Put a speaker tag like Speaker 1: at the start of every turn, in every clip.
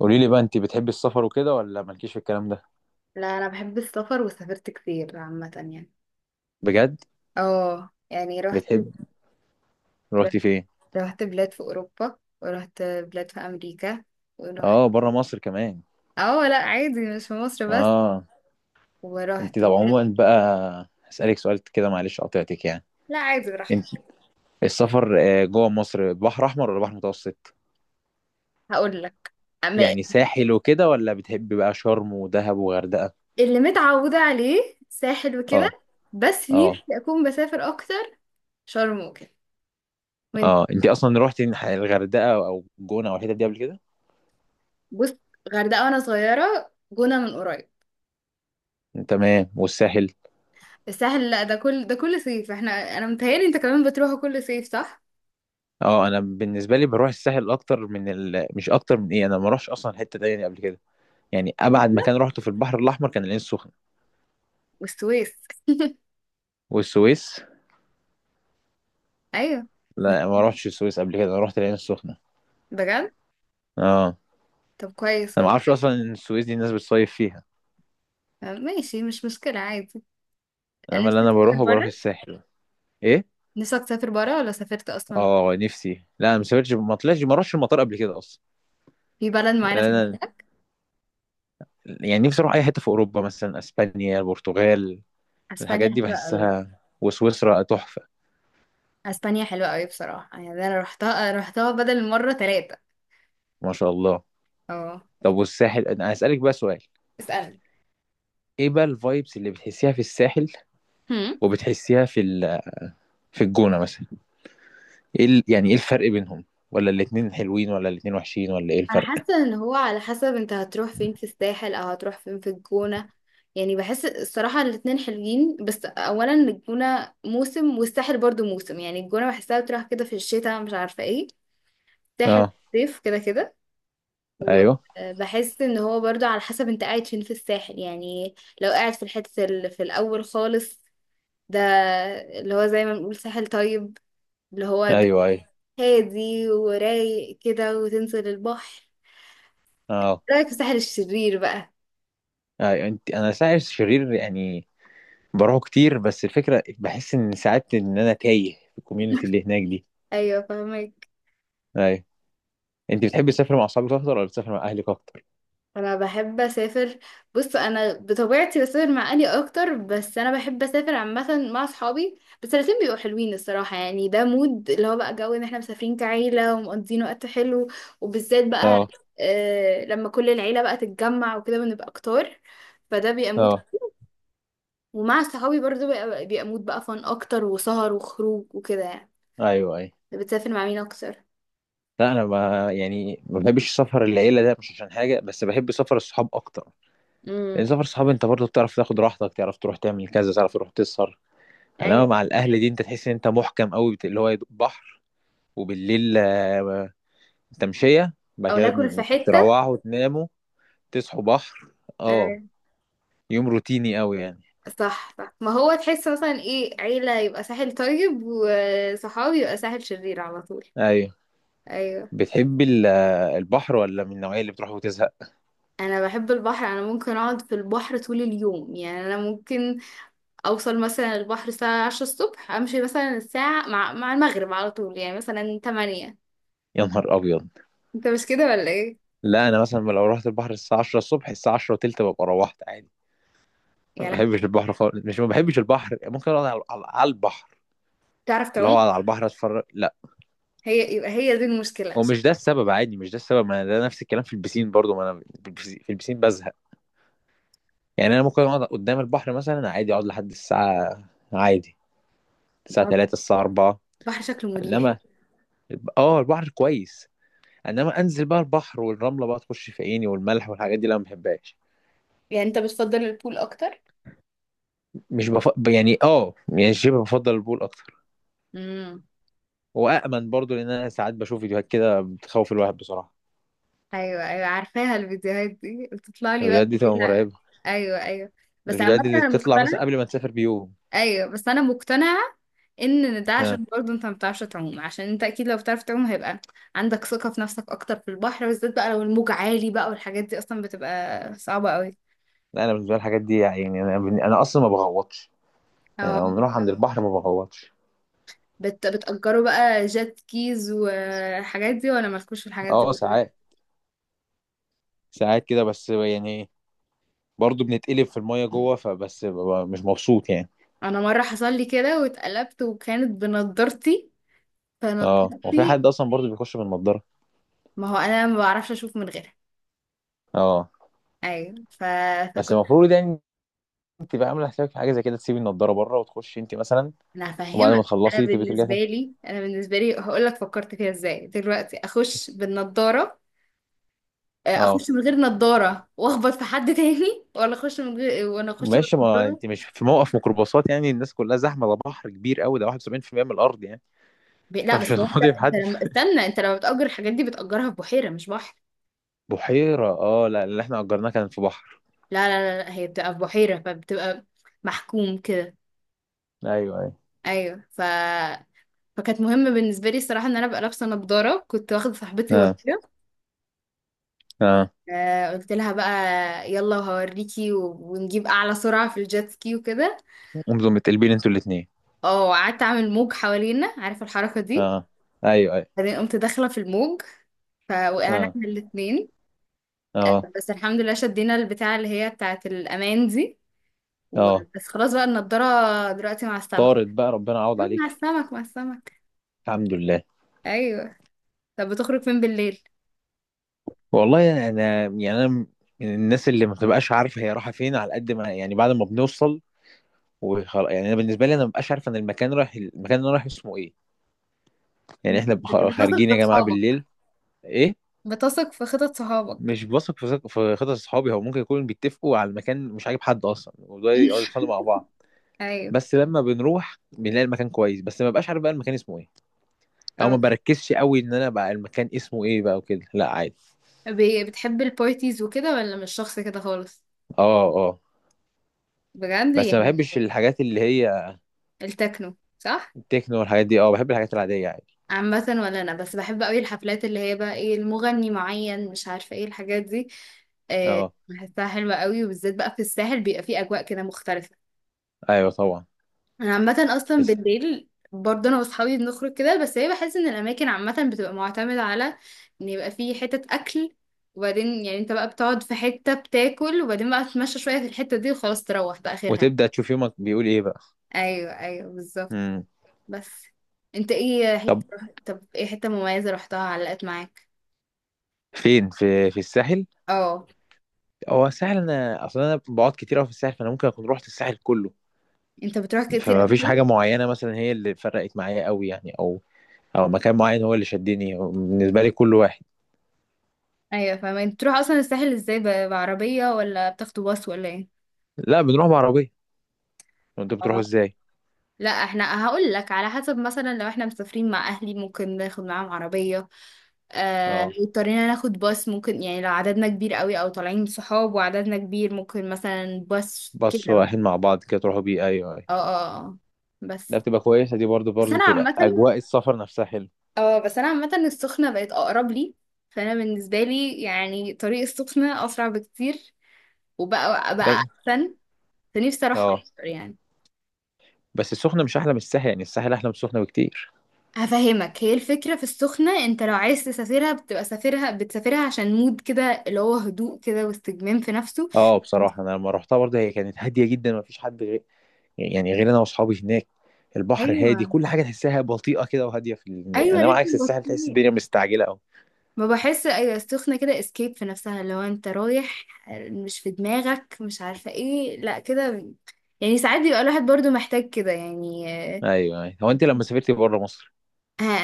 Speaker 1: قولي لي بقى، انت بتحبي السفر وكده ولا مالكيش في الكلام ده؟
Speaker 2: لا، انا بحب السفر وسافرت كتير عامه يعني.
Speaker 1: بجد؟
Speaker 2: اه يعني رحت
Speaker 1: بتحب؟
Speaker 2: رحت
Speaker 1: روحتي فين؟
Speaker 2: رحت بلاد في اوروبا ورحت بلاد في امريكا ورحت.
Speaker 1: اه، بره مصر كمان.
Speaker 2: اه لا، عادي مش في مصر بس.
Speaker 1: اه.
Speaker 2: ورحت
Speaker 1: طب
Speaker 2: بلاد.
Speaker 1: عموما بقى هسألك سؤال كده، معلش قطعتك يعني.
Speaker 2: لا عادي، رحت.
Speaker 1: انت السفر جوه مصر، بحر احمر ولا بحر متوسط؟
Speaker 2: هقول لك. أما
Speaker 1: يعني ساحل وكده، ولا بتحبي بقى شرم ودهب وغردقة؟
Speaker 2: اللي متعوده عليه ساحل وكده.
Speaker 1: اه.
Speaker 2: بس
Speaker 1: اه.
Speaker 2: نفسي اكون بسافر اكتر. شرم وكده. وانت؟
Speaker 1: اه انت اصلا روحتي الغردقة او جونة او الحتت دي قبل كده؟
Speaker 2: بص، غردقه وانا صغيره، جونه من قريب.
Speaker 1: تمام، والساحل؟
Speaker 2: الساحل لا، ده كل صيف احنا. انا متهيألي انت كمان بتروحوا كل صيف صح؟
Speaker 1: اه، انا بالنسبه لي بروح الساحل اكتر من مش اكتر من ايه، انا ما اروحش اصلا حته تانية قبل كده. يعني ابعد مكان روحته في البحر الاحمر كان العين السخنه.
Speaker 2: والسويس.
Speaker 1: والسويس.
Speaker 2: ايوه.
Speaker 1: لا، ما روحتش السويس قبل كده، انا روحت العين السخنه.
Speaker 2: بجد.
Speaker 1: اه.
Speaker 2: طب كويس
Speaker 1: انا ما اعرفش
Speaker 2: والله.
Speaker 1: اصلا ان السويس دي الناس بتصيف فيها.
Speaker 2: آه، ماشي مش مشكلة عادي.
Speaker 1: انا
Speaker 2: نفسك
Speaker 1: اللي انا
Speaker 2: تسافر
Speaker 1: بروحه بروح
Speaker 2: بره؟
Speaker 1: الساحل. ايه؟
Speaker 2: نفسك تسافر بره ولا سافرت أصلا؟
Speaker 1: اه نفسي. لا، انا ما سافرتش، ما طلعتش، ما روحتش المطار قبل كده اصلا.
Speaker 2: في بلد معينة في
Speaker 1: انا،
Speaker 2: دماغك؟
Speaker 1: يعني نفسي اروح اي حته في اوروبا، مثلا اسبانيا، البرتغال، الحاجات
Speaker 2: أسبانيا
Speaker 1: دي
Speaker 2: حلوة قوي.
Speaker 1: بحسها، وسويسرا تحفه.
Speaker 2: أسبانيا حلوة قوي بصراحة، يعني أنا روحتها بدل مرة ثلاثة.
Speaker 1: ما شاء الله.
Speaker 2: اه.
Speaker 1: طب والساحل، انا هسالك بقى سؤال.
Speaker 2: اسألني.
Speaker 1: ايه بقى الفايبس اللي بتحسيها في الساحل،
Speaker 2: هم؟
Speaker 1: وبتحسيها في في الجونه مثلا؟ ايه يعني ايه الفرق بينهم؟ ولا الاتنين حلوين، ولا الاتنين وحشين، ولا ايه
Speaker 2: أنا
Speaker 1: الفرق؟
Speaker 2: حاسة إن هو على حسب أنت هتروح فين في الساحل أو هتروح فين في الجونة. يعني بحس الصراحة الاتنين حلوين، بس أولا الجونة موسم والساحل برضو موسم، يعني الجونة بحسها بتروح كده في الشتاء مش عارفة ايه. الساحل في
Speaker 1: اه.
Speaker 2: الصيف كده كده.
Speaker 1: ايوه.
Speaker 2: وبحس ان هو برضو على حسب انت قاعد فين في الساحل يعني. لو قاعد في الحتة اللي في الاول خالص، ده اللي هو زي ما بنقول ساحل طيب، اللي هو ده
Speaker 1: ايوه. ايوه.
Speaker 2: هادي ورايق كده وتنزل البحر.
Speaker 1: اه.
Speaker 2: رايك في الساحل الشرير بقى؟
Speaker 1: ايوه انا ساعات شرير يعني. بروحه كتير، بس الفكره بحس ان ساعات ان انا تايه في الكوميونتي اللي هناك دي.
Speaker 2: ايوه فاهمك.
Speaker 1: ايوه. انت بتحبي تسافري مع اصحابك اكتر ولا بتسافري مع اهلك اكتر؟
Speaker 2: انا بحب اسافر. بص انا بطبيعتي بسافر مع اهلي اكتر، بس انا بحب اسافر عامه مع اصحابي، بس الاتنين بيبقوا حلوين الصراحه يعني، ده مود اللي هو بقى جو ان احنا مسافرين كعيله ومقضيين وقت حلو. وبالذات بقى
Speaker 1: اه.
Speaker 2: آه لما كل العيله بقى تتجمع وكده بنبقى كتار، فده بيبقى مود.
Speaker 1: اه.
Speaker 2: ومع صحابي برضه بيبقى مود بقى فن اكتر وسهر وخروج وكده يعني.
Speaker 1: ايوه. ايوه.
Speaker 2: بتسافر مع مين اكتر؟
Speaker 1: لا انا، ما يعني ما بحبش سفر العيله، ده مش عشان حاجه، بس بحب سفر الصحاب اكتر. لان
Speaker 2: امم.
Speaker 1: سفر الصحاب انت برضه بتعرف تاخد راحتك، تعرف تروح تعمل كذا، تعرف تروح تسهر. انما
Speaker 2: ايوه.
Speaker 1: مع الاهل دي انت تحس ان انت محكم قوي اللي هو يا دوب بحر، وبالليل تمشيه بعد
Speaker 2: او
Speaker 1: كده،
Speaker 2: ناكل في حته.
Speaker 1: تروحوا وتناموا، تصحوا بحر. اه.
Speaker 2: آه.
Speaker 1: يوم روتيني قوي يعني.
Speaker 2: صح صح، ما هو تحس مثلا ايه عيلة يبقى ساحل طيب وصحابي يبقى ساحل شرير على طول.
Speaker 1: ايوه.
Speaker 2: ايوه.
Speaker 1: بتحب البحر ولا من النوعيه اللي بتروح وتزهق؟
Speaker 2: انا بحب البحر، انا ممكن اقعد في البحر طول اليوم، يعني انا ممكن اوصل مثلا البحر الساعة 10 الصبح، امشي مثلا الساعة مع المغرب على طول يعني مثلا 8.
Speaker 1: يا نهار ابيض.
Speaker 2: انت مش كده ولا ايه؟
Speaker 1: لا، انا مثلا لو رحت البحر الساعه 10 الصبح، الساعه 10 وتلت ببقى روحت عادي. ما
Speaker 2: يعني
Speaker 1: بحبش البحر خالص، مش ما بحبش البحر، ممكن اقعد على على البحر.
Speaker 2: تعرف
Speaker 1: اللي
Speaker 2: تعوم؟
Speaker 1: هو على البحر اتفرج. لا،
Speaker 2: هي دي المشكلة
Speaker 1: هو
Speaker 2: عشان
Speaker 1: مش ده السبب، عادي. مش ده السبب، ما أنا ده نفس الكلام في البسين برضو، ما انا في البسين، بزهق. يعني انا ممكن اقعد قدام البحر مثلا عادي، اقعد لحد الساعه، عادي، الساعه 3، الساعه 4.
Speaker 2: البحر شكله مريح.
Speaker 1: انما، اه البحر كويس، انما انزل بقى البحر والرمله بقى تخش في عيني والملح والحاجات دي، لا ما بحبهاش.
Speaker 2: يعني انت بتفضل البول اكتر؟
Speaker 1: مش بف... يعني يعني شبه بفضل البول اكتر. وامن برضو، لان انا ساعات بشوف فيديوهات كده بتخوف الواحد بصراحه.
Speaker 2: ايوه، ايوه عارفاها الفيديوهات دي، بتطلع لي بقى
Speaker 1: الفيديوهات دي
Speaker 2: بالليل
Speaker 1: تبقى
Speaker 2: لا.
Speaker 1: مرعبه.
Speaker 2: ايوه ايوه. بس
Speaker 1: الفيديوهات
Speaker 2: عامة
Speaker 1: دي اللي
Speaker 2: انا
Speaker 1: بتطلع مثلا
Speaker 2: مقتنعة.
Speaker 1: قبل ما تسافر بيوم.
Speaker 2: ايوه، بس انا مقتنعة ان ده
Speaker 1: ها.
Speaker 2: عشان برضه انت ما بتعرفش تعوم، عشان انت اكيد لو بتعرف تعوم هيبقى عندك ثقة في نفسك اكتر، في البحر بالذات بقى لو الموج عالي بقى والحاجات دي اصلا بتبقى صعبة قوي.
Speaker 1: لا، انا بالنسبه لي الحاجات دي يعني، انا اصلا ما بغوطش. يعني
Speaker 2: اه.
Speaker 1: لما بنروح عند البحر ما بغوطش.
Speaker 2: بتأجروا بقى جات كيز والحاجات دي ولا مالكوش في الحاجات دي
Speaker 1: اه
Speaker 2: برضه؟
Speaker 1: ساعات. ساعات كده بس يعني. برضه بنتقلب في المية جوه، فبس ببقى مش مبسوط يعني.
Speaker 2: انا مرة حصل لي كده واتقلبت وكانت بنضارتي،
Speaker 1: اه، هو في
Speaker 2: فنضارتي.
Speaker 1: حد اصلا برضه بيخش بالنضارة؟
Speaker 2: ما هو انا ما بعرفش اشوف من غيرها.
Speaker 1: اه.
Speaker 2: ايوه
Speaker 1: بس
Speaker 2: فكنت.
Speaker 1: المفروض يعني تبقى عاملة حسابك في حاجة زي كده، تسيبي النضارة بره وتخشي انت مثلا،
Speaker 2: انا
Speaker 1: وبعد ما
Speaker 2: هفهمك، انا
Speaker 1: تخلصي تبقي ترجعي
Speaker 2: بالنسبه
Speaker 1: تاني.
Speaker 2: لي انا بالنسبه لي هقول لك فكرت فيها ازاي دلوقتي اخش بالنضاره. آه،
Speaker 1: اه
Speaker 2: اخش من غير نضاره واخبط في حد تاني، ولا اخش من غير وانا اخش
Speaker 1: ماشي، ما
Speaker 2: بالنضاره؟
Speaker 1: انت مش في موقف ميكروباصات يعني الناس كلها زحمة، ده بحر كبير قوي، ده 71% من الأرض يعني،
Speaker 2: لا
Speaker 1: فمش
Speaker 2: بس هو انت،
Speaker 1: هتقعدي في
Speaker 2: انت
Speaker 1: حد.
Speaker 2: لما استنى، انت لما بتأجر الحاجات دي بتأجرها في بحيره مش بحر.
Speaker 1: بحيرة؟ اه لا، اللي احنا أجرناه كان في بحر.
Speaker 2: لا لا لا, لا. هي بتبقى في بحيره، فبتبقى محكوم كده.
Speaker 1: ايوه. ايوه.
Speaker 2: ايوه فكانت مهمه بالنسبه لي الصراحه ان انا ابقى لابسه نضاره، كنت واخده صاحبتي
Speaker 1: اه.
Speaker 2: ورايا.
Speaker 1: اه.
Speaker 2: آه، قلت لها بقى: يلا وهوريكي ونجيب اعلى سرعة في الجيت سكي وكده.
Speaker 1: انتوا متقلبين انتوا الاتنين.
Speaker 2: اه وقعدت اعمل موج حوالينا، عارفة الحركة دي.
Speaker 1: اه. ايوه. ايوه.
Speaker 2: بعدين قمت داخلة في الموج، فوقعنا
Speaker 1: اه.
Speaker 2: احنا الاتنين. آه،
Speaker 1: اه.
Speaker 2: بس الحمد لله شدينا البتاعة اللي هي بتاعة الأمان دي،
Speaker 1: اه.
Speaker 2: وبس خلاص بقى النضارة دلوقتي مع السمك.
Speaker 1: طارت بقى، ربنا يعوض
Speaker 2: آه،
Speaker 1: عليك.
Speaker 2: مع السمك مع السمك.
Speaker 1: الحمد لله.
Speaker 2: أيوه. طب بتخرج فين بالليل؟
Speaker 1: والله انا يعني انا من الناس اللي ما بتبقاش عارفه هي رايحه فين، على قد ما يعني بعد ما بنوصل وخلاص. يعني انا بالنسبه لي، انا ما ببقاش عارف انا المكان رايح المكان اللي انا رايح اسمه ايه. يعني
Speaker 2: انت
Speaker 1: احنا خارجين
Speaker 2: بتثق
Speaker 1: يا
Speaker 2: في
Speaker 1: جماعه
Speaker 2: صحابك؟
Speaker 1: بالليل. ايه؟
Speaker 2: بتثق في خطط صحابك؟
Speaker 1: مش بثق في خطط اصحابي. هو ممكن يكونوا بيتفقوا على المكان مش عاجب حد اصلا، وده يقعدوا يتخانقوا مع بعض.
Speaker 2: أيوه.
Speaker 1: بس لما بنروح بنلاقي المكان كويس، بس ما ببقاش عارف بقى المكان اسمه ايه، او ما
Speaker 2: اه
Speaker 1: بركزش قوي ان انا بقى المكان اسمه ايه بقى وكده. لا عادي.
Speaker 2: بتحب البارتيز وكده، ولا مش شخص كده خالص؟
Speaker 1: اه. اه
Speaker 2: بجد
Speaker 1: بس ما
Speaker 2: يعني.
Speaker 1: بحبش الحاجات اللي هي
Speaker 2: التكنو صح؟
Speaker 1: تكنو والحاجات دي، اه بحب الحاجات العادية عادي.
Speaker 2: عامة ولا انا بس بحب قوي الحفلات اللي هي بقى ايه المغني معين مش عارفة ايه الحاجات دي. آه،
Speaker 1: اه
Speaker 2: بحسها حلوة قوي، وبالذات بقى في الساحل بيبقى فيه اجواء كده مختلفة.
Speaker 1: ايوه طبعا.
Speaker 2: انا عامة اصلا
Speaker 1: بس.
Speaker 2: بالليل برضه انا واصحابي بنخرج كده، بس هي بحس ان الاماكن عامة بتبقى معتمدة على ان يبقى فيه حتة اكل، وبعدين يعني انت بقى بتقعد في حتة بتاكل وبعدين بقى تتمشى شوية في الحتة دي وخلاص تروح، ده اخرها.
Speaker 1: وتبدأ تشوف يومك بيقول ايه بقى.
Speaker 2: ايوه ايوه بالظبط.
Speaker 1: امم.
Speaker 2: بس انت ايه
Speaker 1: طب،
Speaker 2: حتة. طب ايه حتة مميزة رحتها علقت معاك؟
Speaker 1: فين؟ في الساحل؟
Speaker 2: اه.
Speaker 1: هو الساحل انا اصلا انا بقعد كتير قوي في الساحل، فانا ممكن اكون رحت الساحل كله.
Speaker 2: انت بتروح كتير
Speaker 1: فما
Speaker 2: قبل
Speaker 1: فيش
Speaker 2: كده؟
Speaker 1: حاجة معينة مثلا هي اللي فرقت معايا قوي يعني، او او مكان معين هو اللي شدني، هو بالنسبة لي كل واحد.
Speaker 2: ايوه فاهمة. انت بتروح اصلا الساحل ازاي؟ بعربية ولا بتاخدوا باص ولا ايه؟
Speaker 1: لا، بنروح بعربية. انتوا بتروحوا
Speaker 2: اه
Speaker 1: ازاي؟
Speaker 2: لا، احنا هقول لك على حسب، مثلا لو احنا مسافرين مع اهلي ممكن ناخد معاهم عربية، آه لو
Speaker 1: اه،
Speaker 2: اضطرينا ناخد باص ممكن، يعني لو عددنا كبير قوي او طالعين صحاب وعددنا كبير ممكن مثلا باص كده
Speaker 1: بصوا
Speaker 2: بقى.
Speaker 1: رايحين مع بعض كده تروحوا بيه، ايوه ايوه.
Speaker 2: اه اه اه اه.
Speaker 1: ده
Speaker 2: بس
Speaker 1: بتبقى كويسة دي برضو،
Speaker 2: بس
Speaker 1: برضو
Speaker 2: انا
Speaker 1: تبقى
Speaker 2: عامة،
Speaker 1: اجواء السفر نفسها حلو.
Speaker 2: اه بس انا عامه السخنه بقت اقرب لي، فانا بالنسبه لي يعني طريق السخنه اسرع بكتير، وبقى
Speaker 1: بس.
Speaker 2: بقى احسن. فنفسي اروحها
Speaker 1: اه
Speaker 2: اكتر يعني.
Speaker 1: بس السخنة مش أحلى من الساحل، يعني الساحل أحلى من السخنة بكتير.
Speaker 2: هفهمك، هي الفكره في السخنه انت لو عايز تسافرها بتبقى بتسافرها عشان مود كده اللي هو هدوء كده واستجمام في نفسه.
Speaker 1: اه بصراحة أنا لما روحتها برضه هي كانت هادية جدا، مفيش حد غير يعني غير أنا وأصحابي هناك. البحر هادي،
Speaker 2: ايوه
Speaker 1: كل حاجة تحسها بطيئة كده وهادية في
Speaker 2: ايوه،
Speaker 1: أنا عكس
Speaker 2: رتم
Speaker 1: الساحل تحس
Speaker 2: بطيء.
Speaker 1: الدنيا مستعجلة أوي.
Speaker 2: ما بحس ايوه السخنه كده اسكيب في نفسها اللي هو انت رايح مش في دماغك مش عارفه ايه، لا كده يعني، ساعات بيبقى الواحد برضو محتاج كده يعني.
Speaker 1: أيوه أيوه. هو أنت لما سافرت بره مصر،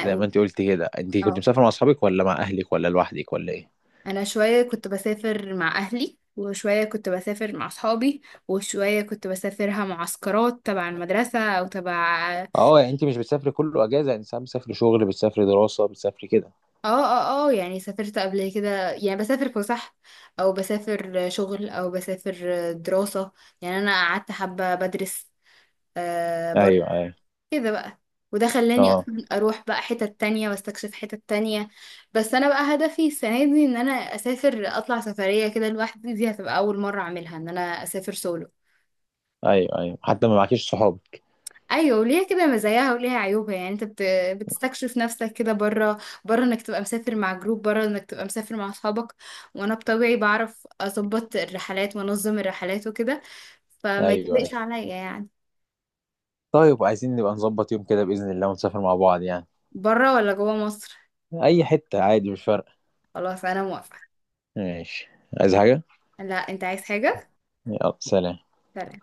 Speaker 1: زي ما أنت قلت كده، أنت كنت
Speaker 2: اه
Speaker 1: مسافر مع أصحابك ولا مع أهلك ولا لوحدك ولا إيه؟
Speaker 2: انا شويه كنت بسافر مع اهلي، وشويه كنت بسافر مع اصحابي، وشويه كنت بسافرها معسكرات تبع المدرسه او تبع.
Speaker 1: اه يعني أنت مش بتسافري كله أجازة، يعني ساعات بتسافري شغل، بتسافري دراسة، بتسافري كده.
Speaker 2: اه اه اه، يعني سافرت قبل كده، يعني بسافر فسح او بسافر شغل او بسافر دراسه. يعني انا قعدت حبه بدرس. آه
Speaker 1: أيوه أيوه.
Speaker 2: كده بقى. وده خلاني
Speaker 1: اه.
Speaker 2: اصلا اروح بقى حتت تانية واستكشف حتت تانية. بس انا بقى هدفي السنة دي ان انا اسافر اطلع سفرية كده لوحدي، دي هتبقى اول مرة اعملها ان انا اسافر سولو.
Speaker 1: أيوه أيوه، حتى ما معكيش صحاب.
Speaker 2: ايوه وليها كده مزاياها وليها عيوبها يعني. انت بتستكشف نفسك كده بره، بره انك تبقى مسافر مع جروب، بره انك تبقى مسافر مع اصحابك، وانا بطبيعي بعرف اظبط الرحلات وانظم الرحلات وكده، فما
Speaker 1: أيوه
Speaker 2: يتقلقش
Speaker 1: أيوه.
Speaker 2: عليا يعني.
Speaker 1: طيب عايزين نبقى نظبط يوم كده بإذن الله، ونسافر مع بعض يعني.
Speaker 2: بره ولا جوه مصر؟
Speaker 1: أي حتة عادي، مش فارقة.
Speaker 2: خلاص انا موافقة.
Speaker 1: ماشي. عايز حاجة؟
Speaker 2: لا، انت عايز حاجة؟
Speaker 1: يلا سلام.
Speaker 2: سلام.